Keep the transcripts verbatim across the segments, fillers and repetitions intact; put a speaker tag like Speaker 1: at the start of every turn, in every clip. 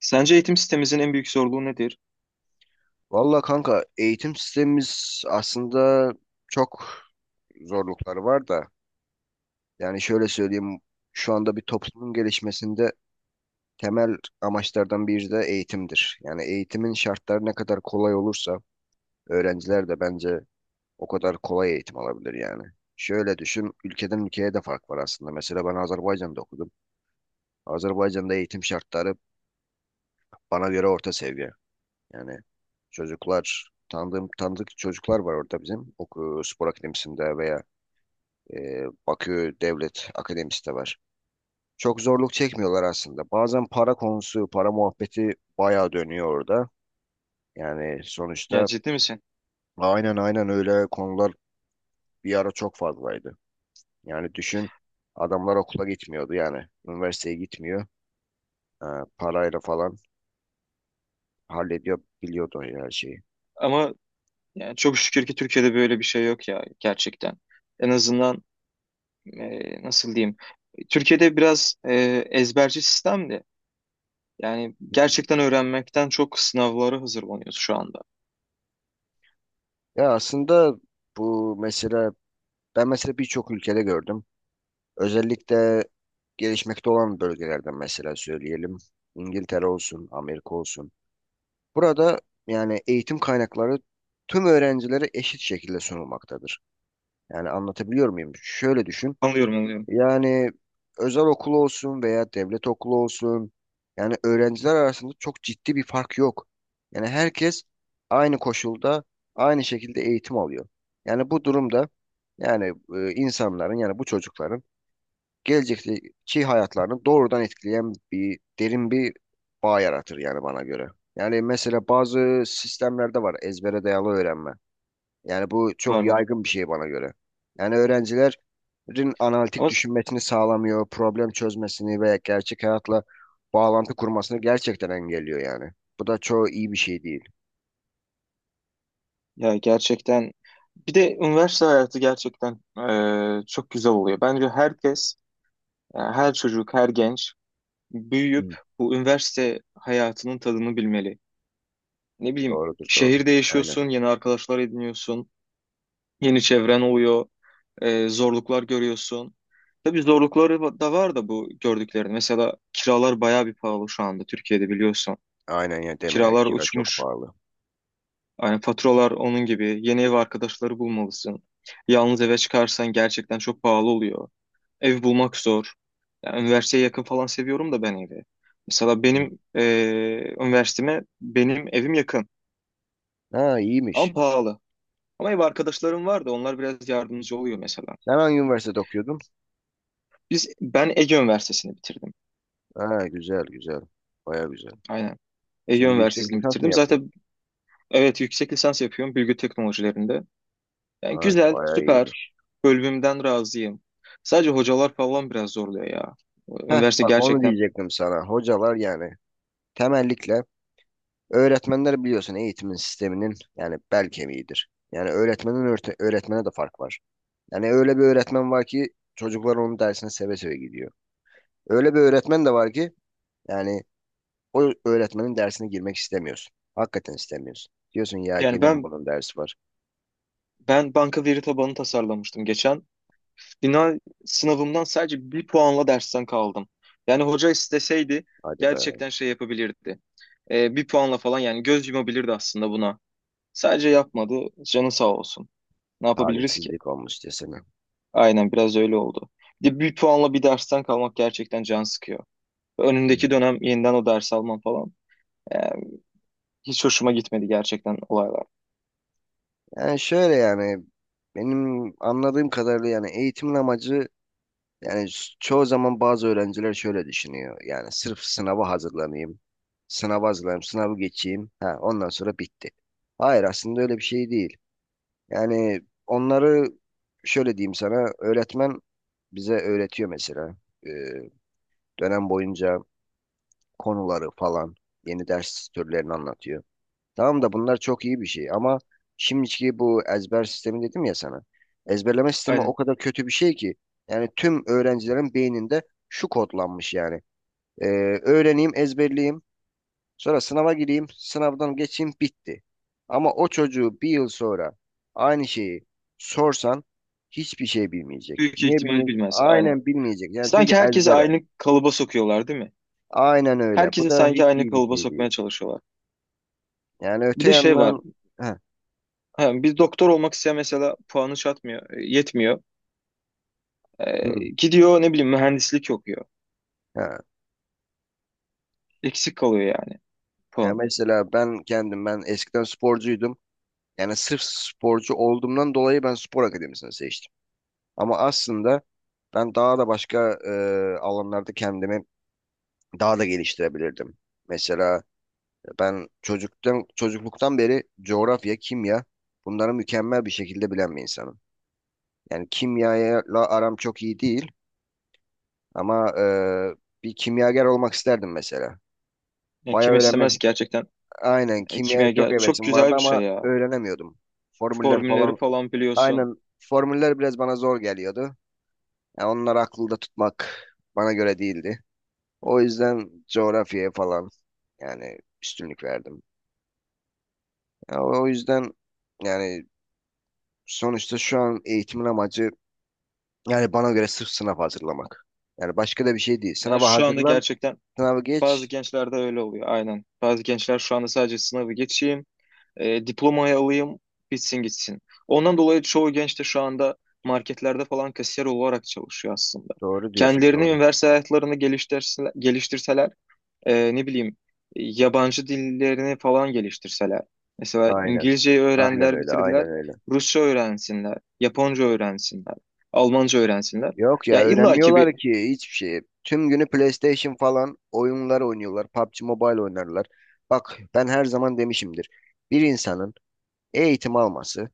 Speaker 1: Sence eğitim sistemimizin en büyük zorluğu nedir?
Speaker 2: Valla kanka eğitim sistemimiz aslında çok zorlukları var da yani şöyle söyleyeyim. Şu anda bir toplumun gelişmesinde temel amaçlardan biri de eğitimdir. Yani eğitimin şartları ne kadar kolay olursa öğrenciler de bence o kadar kolay eğitim alabilir yani. Şöyle düşün, ülkeden ülkeye de fark var aslında. Mesela ben Azerbaycan'da okudum. Azerbaycan'da eğitim şartları bana göre orta seviye. Yani çocuklar tanıdığım tanıdık çocuklar var orada bizim oku spor akademisinde veya e, Bakü Devlet Akademisi de var. Çok zorluk çekmiyorlar aslında. Bazen para konusu, para muhabbeti bayağı dönüyor orada. Yani
Speaker 1: Ya
Speaker 2: sonuçta
Speaker 1: ciddi misin?
Speaker 2: aynen aynen öyle konular bir ara çok fazlaydı. Yani düşün, adamlar okula gitmiyordu, yani üniversiteye gitmiyor. E, Parayla falan hallediyor, biliyordu her şeyi.
Speaker 1: Ama yani çok şükür ki Türkiye'de böyle bir şey yok ya gerçekten. En azından e, nasıl diyeyim? Türkiye'de biraz e, ezberci sistemdi. Yani
Speaker 2: Hmm.
Speaker 1: gerçekten öğrenmekten çok sınavlara hazırlanıyoruz şu anda.
Speaker 2: Ya aslında bu mesele, ben mesela birçok ülkede gördüm. Özellikle gelişmekte olan bölgelerden mesela söyleyelim. İngiltere olsun, Amerika olsun. Burada yani eğitim kaynakları tüm öğrencilere eşit şekilde sunulmaktadır. Yani anlatabiliyor muyum? Şöyle düşün.
Speaker 1: Anlıyorum anlıyorum.
Speaker 2: Yani özel okul olsun veya devlet okulu olsun. Yani öğrenciler arasında çok ciddi bir fark yok. Yani herkes aynı koşulda, aynı şekilde eğitim alıyor. Yani bu durumda yani e, insanların, yani bu çocukların gelecekteki hayatlarını doğrudan etkileyen bir derin bir bağ yaratır yani bana göre. Yani mesela bazı sistemlerde var, ezbere dayalı öğrenme. Yani bu çok
Speaker 1: Var var.
Speaker 2: yaygın bir şey bana göre. Yani öğrencilerin analitik
Speaker 1: Ama s-
Speaker 2: düşünmesini sağlamıyor, problem çözmesini veya gerçek hayatla bağlantı kurmasını gerçekten engelliyor yani. Bu da çoğu iyi bir şey değil.
Speaker 1: Ya gerçekten bir de üniversite hayatı gerçekten e, çok güzel oluyor. Bence herkes, yani her çocuk, her genç büyüyüp
Speaker 2: Hı,
Speaker 1: bu üniversite hayatının tadını bilmeli. Ne bileyim,
Speaker 2: doğrudur doğru.
Speaker 1: şehirde
Speaker 2: Aynen.
Speaker 1: yaşıyorsun, yeni arkadaşlar ediniyorsun, yeni çevren oluyor, e, zorluklar görüyorsun. Tabii zorlukları va- da var da bu gördüklerin. Mesela kiralar bayağı bir pahalı şu anda Türkiye'de biliyorsun.
Speaker 2: Aynen ya, deme ya,
Speaker 1: Kiralar
Speaker 2: kira çok
Speaker 1: uçmuş.
Speaker 2: pahalı.
Speaker 1: Yani faturalar onun gibi. Yeni ev arkadaşları bulmalısın. Yalnız eve çıkarsan gerçekten çok pahalı oluyor. Ev bulmak zor. Yani üniversiteye yakın falan seviyorum da ben evi. Mesela
Speaker 2: Hı.
Speaker 1: benim eee üniversiteme benim evim yakın
Speaker 2: Ha,
Speaker 1: ama
Speaker 2: iyiymiş.
Speaker 1: pahalı. Ama ev arkadaşlarım vardı. Onlar biraz yardımcı oluyor mesela.
Speaker 2: Sen hangi üniversitede okuyordun?
Speaker 1: Biz ben Ege Üniversitesi'ni bitirdim.
Speaker 2: Ha, güzel güzel. Baya güzel.
Speaker 1: Aynen. Ege
Speaker 2: Şimdi yüksek
Speaker 1: Üniversitesi'ni
Speaker 2: lisans mı
Speaker 1: bitirdim.
Speaker 2: yapıyorsun?
Speaker 1: Zaten evet yüksek lisans yapıyorum bilgi teknolojilerinde. Yani
Speaker 2: Ha,
Speaker 1: güzel,
Speaker 2: baya
Speaker 1: süper.
Speaker 2: iyiymiş.
Speaker 1: Bölümümden razıyım. Sadece hocalar falan biraz zorluyor ya.
Speaker 2: Heh,
Speaker 1: Üniversite
Speaker 2: bak onu
Speaker 1: gerçekten.
Speaker 2: diyecektim sana. Hocalar yani temellikle öğretmenler biliyorsun eğitimin sisteminin yani bel kemiğidir. Yani öğretmenin örte- öğretmene de fark var. Yani öyle bir öğretmen var ki çocuklar onun dersine seve seve gidiyor. Öyle bir öğretmen de var ki yani o öğretmenin dersine girmek istemiyorsun. Hakikaten istemiyorsun. Diyorsun ya,
Speaker 1: Yani
Speaker 2: gene mi
Speaker 1: ben
Speaker 2: bunun dersi var?
Speaker 1: ben banka veri tabanı tasarlamıştım geçen. Final sınavımdan sadece bir puanla dersten kaldım. Yani hoca isteseydi
Speaker 2: Hadi be,
Speaker 1: gerçekten şey yapabilirdi. Ee, bir puanla falan yani göz yumabilirdi aslında buna. Sadece yapmadı. Canı sağ olsun. Ne yapabiliriz ki?
Speaker 2: talihsizlik olmuş desene.
Speaker 1: Aynen, biraz öyle oldu. Bir de bir puanla bir dersten kalmak gerçekten can sıkıyor. Önündeki
Speaker 2: Hmm.
Speaker 1: dönem yeniden o ders almam falan. Yani hiç hoşuma gitmedi gerçekten olaylar.
Speaker 2: Yani şöyle yani benim anladığım kadarıyla yani eğitimin amacı yani, s- çoğu zaman bazı öğrenciler şöyle düşünüyor. Yani sırf sınava hazırlanayım. Sınava hazırlanayım, sınavı geçeyim. Ha, ondan sonra bitti. Hayır, aslında öyle bir şey değil. Yani onları, şöyle diyeyim sana, öğretmen bize öğretiyor mesela. Ee, Dönem boyunca konuları falan yeni ders türlerini anlatıyor. Tamam da bunlar çok iyi bir şey ama şimdiki bu ezber sistemi dedim ya sana. Ezberleme sistemi
Speaker 1: Aynen.
Speaker 2: o kadar kötü bir şey ki yani tüm öğrencilerin beyninde şu kodlanmış yani. Ee, Öğreneyim, ezberleyeyim, sonra sınava gireyim, sınavdan geçeyim, bitti. Ama o çocuğu bir yıl sonra aynı şeyi sorsan hiçbir şey bilmeyecek.
Speaker 1: Büyük
Speaker 2: Niye
Speaker 1: ihtimal
Speaker 2: bilmeyecek?
Speaker 1: bilmez. Aynen.
Speaker 2: Aynen bilmeyecek. Yani çünkü
Speaker 1: Sanki herkesi
Speaker 2: ezbere.
Speaker 1: aynı kalıba sokuyorlar, değil mi?
Speaker 2: Aynen öyle. Bu
Speaker 1: Herkesi
Speaker 2: da
Speaker 1: sanki
Speaker 2: hiç
Speaker 1: aynı
Speaker 2: iyi bir
Speaker 1: kalıba
Speaker 2: şey değil.
Speaker 1: sokmaya çalışıyorlar.
Speaker 2: Yani
Speaker 1: Bir
Speaker 2: öte
Speaker 1: de şey var.
Speaker 2: yandan heh,
Speaker 1: Biz bir doktor olmak isteyen mesela puanı çatmıyor, e, yetmiyor. E,
Speaker 2: hı,
Speaker 1: gidiyor ne bileyim mühendislik okuyor.
Speaker 2: heh.
Speaker 1: Eksik kalıyor yani
Speaker 2: Ya
Speaker 1: puanı.
Speaker 2: mesela ben kendim, ben eskiden sporcuydum. Yani sırf sporcu olduğumdan dolayı ben spor akademisini seçtim. Ama aslında ben daha da başka e, alanlarda kendimi daha da geliştirebilirdim. Mesela ben çocuktan çocukluktan beri coğrafya, kimya, bunları mükemmel bir şekilde bilen bir insanım. Yani kimyayla aram çok iyi değil ama e, bir kimyager olmak isterdim mesela.
Speaker 1: Yani
Speaker 2: Bayağı
Speaker 1: kim istemez
Speaker 2: öğrenmek.
Speaker 1: ki gerçekten?
Speaker 2: Aynen,
Speaker 1: E,
Speaker 2: kimyaya çok
Speaker 1: kimyager çok
Speaker 2: hevesim
Speaker 1: güzel
Speaker 2: vardı
Speaker 1: bir şey
Speaker 2: ama
Speaker 1: ya.
Speaker 2: öğrenemiyordum. Formüller
Speaker 1: Formülleri
Speaker 2: falan.
Speaker 1: falan biliyorsun.
Speaker 2: Aynen, formüller biraz bana zor geliyordu. Yani onları aklımda tutmak bana göre değildi. O yüzden coğrafyaya falan yani üstünlük verdim. Ya o yüzden yani sonuçta şu an eğitimin amacı yani bana göre sırf sınav hazırlamak. Yani başka da bir şey değil.
Speaker 1: Yani
Speaker 2: Sınava
Speaker 1: şu anda
Speaker 2: hazırlan,
Speaker 1: gerçekten
Speaker 2: sınavı
Speaker 1: bazı
Speaker 2: geç.
Speaker 1: gençlerde öyle oluyor aynen. Bazı gençler şu anda sadece sınavı geçeyim, e, diplomayı alayım, bitsin gitsin. Ondan dolayı çoğu genç de şu anda marketlerde falan kasiyer olarak çalışıyor aslında.
Speaker 2: Doğru diyorsun,
Speaker 1: Kendilerini
Speaker 2: doğru.
Speaker 1: üniversite hayatlarını geliştirse, geliştirseler, e, ne bileyim, yabancı dillerini falan geliştirseler. Mesela
Speaker 2: Aynen.
Speaker 1: İngilizceyi
Speaker 2: Aynen
Speaker 1: öğrendiler,
Speaker 2: öyle,
Speaker 1: bitirdiler.
Speaker 2: aynen öyle.
Speaker 1: Rusça öğrensinler, Japonca öğrensinler, Almanca öğrensinler.
Speaker 2: Yok ya,
Speaker 1: Ya illaki bir
Speaker 2: öğrenmiyorlar ki hiçbir şey. Tüm günü PlayStation falan oyunlar oynuyorlar. PUBG Mobile oynarlar. Bak, ben her zaman demişimdir. Bir insanın eğitim alması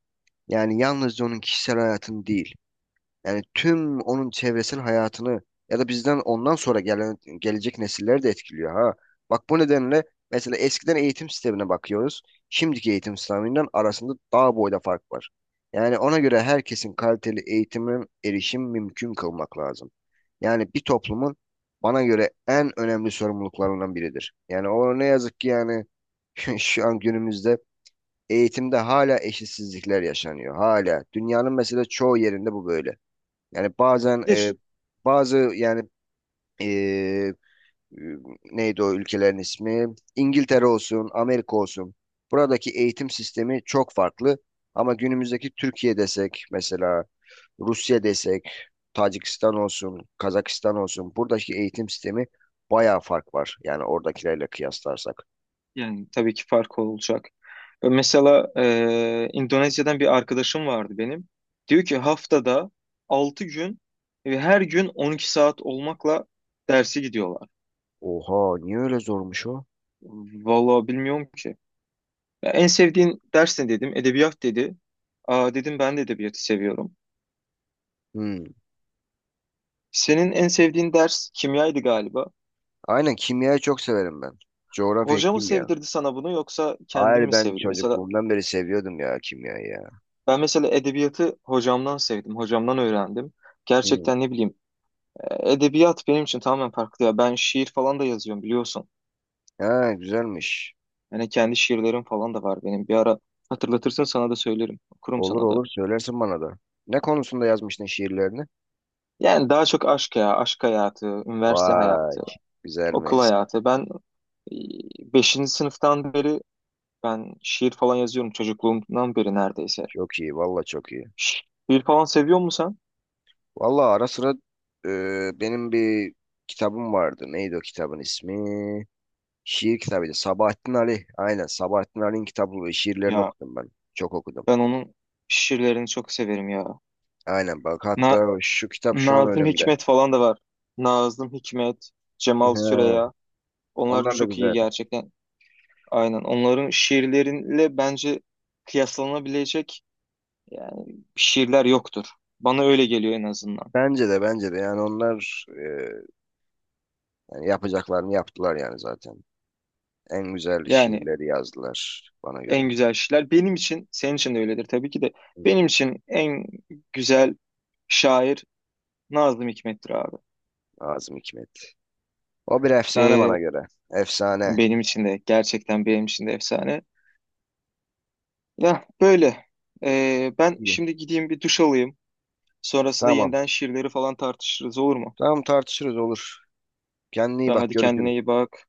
Speaker 2: yani yalnızca onun kişisel hayatını değil, yani tüm onun çevresinin hayatını ya da bizden ondan sonra gelen gelecek nesilleri de etkiliyor ha. Bak, bu nedenle mesela eskiden eğitim sistemine bakıyoruz. Şimdiki eğitim sisteminden arasında dağ boyda fark var. Yani ona göre herkesin kaliteli eğitime erişim mümkün kılmak lazım. Yani bir toplumun bana göre en önemli sorumluluklarından biridir. Yani o ne yazık ki yani şu an günümüzde eğitimde hala eşitsizlikler yaşanıyor. Hala. Dünyanın mesela çoğu yerinde bu böyle. Yani bazen
Speaker 1: bir de
Speaker 2: e,
Speaker 1: ş-
Speaker 2: bazı yani e, e, neydi o ülkelerin ismi? İngiltere olsun, Amerika olsun. Buradaki eğitim sistemi çok farklı. Ama günümüzdeki Türkiye desek mesela, Rusya desek, Tacikistan olsun, Kazakistan olsun. Buradaki eğitim sistemi bayağı fark var. Yani oradakilerle kıyaslarsak.
Speaker 1: yani tabii ki fark olacak. E, Mesela e, İndonezya'dan bir arkadaşım vardı benim. Diyor ki haftada altı gün ve her gün on iki saat olmakla dersi gidiyorlar.
Speaker 2: Oha, niye öyle zormuş o?
Speaker 1: Vallahi bilmiyorum ki. Ya, en sevdiğin ders ne dedim? Edebiyat dedi. Aa, dedim ben de edebiyatı seviyorum.
Speaker 2: Hmm.
Speaker 1: Senin en sevdiğin ders kimyaydı galiba.
Speaker 2: Aynen, kimyayı çok severim ben. Coğrafya,
Speaker 1: Hoca mı
Speaker 2: kimya.
Speaker 1: sevdirdi sana bunu yoksa kendin
Speaker 2: Hayır,
Speaker 1: mi
Speaker 2: ben
Speaker 1: sevdin? Mesela
Speaker 2: çocukluğumdan beri seviyordum ya kimyayı ya.
Speaker 1: ben mesela edebiyatı hocamdan sevdim, hocamdan öğrendim.
Speaker 2: Hmm.
Speaker 1: Gerçekten ne bileyim, e, edebiyat benim için tamamen farklı ya. Ben şiir falan da yazıyorum biliyorsun.
Speaker 2: Ha, güzelmiş.
Speaker 1: Yani kendi şiirlerim falan da var benim. Bir ara hatırlatırsın, sana da söylerim. Okurum
Speaker 2: Olur
Speaker 1: sana da.
Speaker 2: olur, söylersin bana da. Ne konusunda yazmıştın şiirlerini?
Speaker 1: Yani daha çok aşk ya, aşk hayatı, üniversite
Speaker 2: Vay,
Speaker 1: hayatı. Okul
Speaker 2: güzelmiş.
Speaker 1: hayatı. Ben e, beşinci sınıftan beri ben şiir falan yazıyorum çocukluğumdan beri neredeyse.
Speaker 2: Çok iyi, valla çok iyi.
Speaker 1: Şi- Şiir falan seviyor musun sen?
Speaker 2: Valla ara sıra e, benim bir kitabım vardı. Neydi o kitabın ismi? Şiir kitabıydı. Sabahattin Ali. Aynen, Sabahattin Ali'nin kitabı ve şiirlerini
Speaker 1: Ya
Speaker 2: okudum ben. Çok okudum.
Speaker 1: ben onun şiirlerini çok severim ya.
Speaker 2: Aynen, bak
Speaker 1: Na
Speaker 2: hatta şu kitap şu an
Speaker 1: Nazım
Speaker 2: önümde.
Speaker 1: Hikmet falan da var. Nazım Hikmet,
Speaker 2: He,
Speaker 1: Cemal Süreya. Onlar
Speaker 2: onlar da
Speaker 1: çok iyi
Speaker 2: güzel.
Speaker 1: gerçekten. Aynen. Onların şiirleriyle bence kıyaslanabilecek yani şiirler yoktur. Bana öyle geliyor en azından.
Speaker 2: Bence de, bence de yani onlar e, yani yapacaklarını yaptılar yani zaten. En güzel
Speaker 1: Yani
Speaker 2: şiirleri yazdılar bana
Speaker 1: en
Speaker 2: göre.
Speaker 1: güzel şeyler. Benim için, senin için de öyledir tabii ki de. Benim için en güzel şair Nazım Hikmet'tir abi.
Speaker 2: Nazım Hikmet. O bir efsane
Speaker 1: Ee,
Speaker 2: bana göre. Efsane.
Speaker 1: Benim için de gerçekten benim için de efsane. Ya böyle. Ee, ben
Speaker 2: İyi.
Speaker 1: şimdi gideyim bir duş alayım. Sonrasında
Speaker 2: Tamam.
Speaker 1: yeniden şiirleri falan tartışırız, olur mu?
Speaker 2: Tamam, tartışırız olur. Kendine iyi
Speaker 1: Tamam,
Speaker 2: bak.
Speaker 1: hadi kendine
Speaker 2: Görüşürüz.
Speaker 1: iyi bak.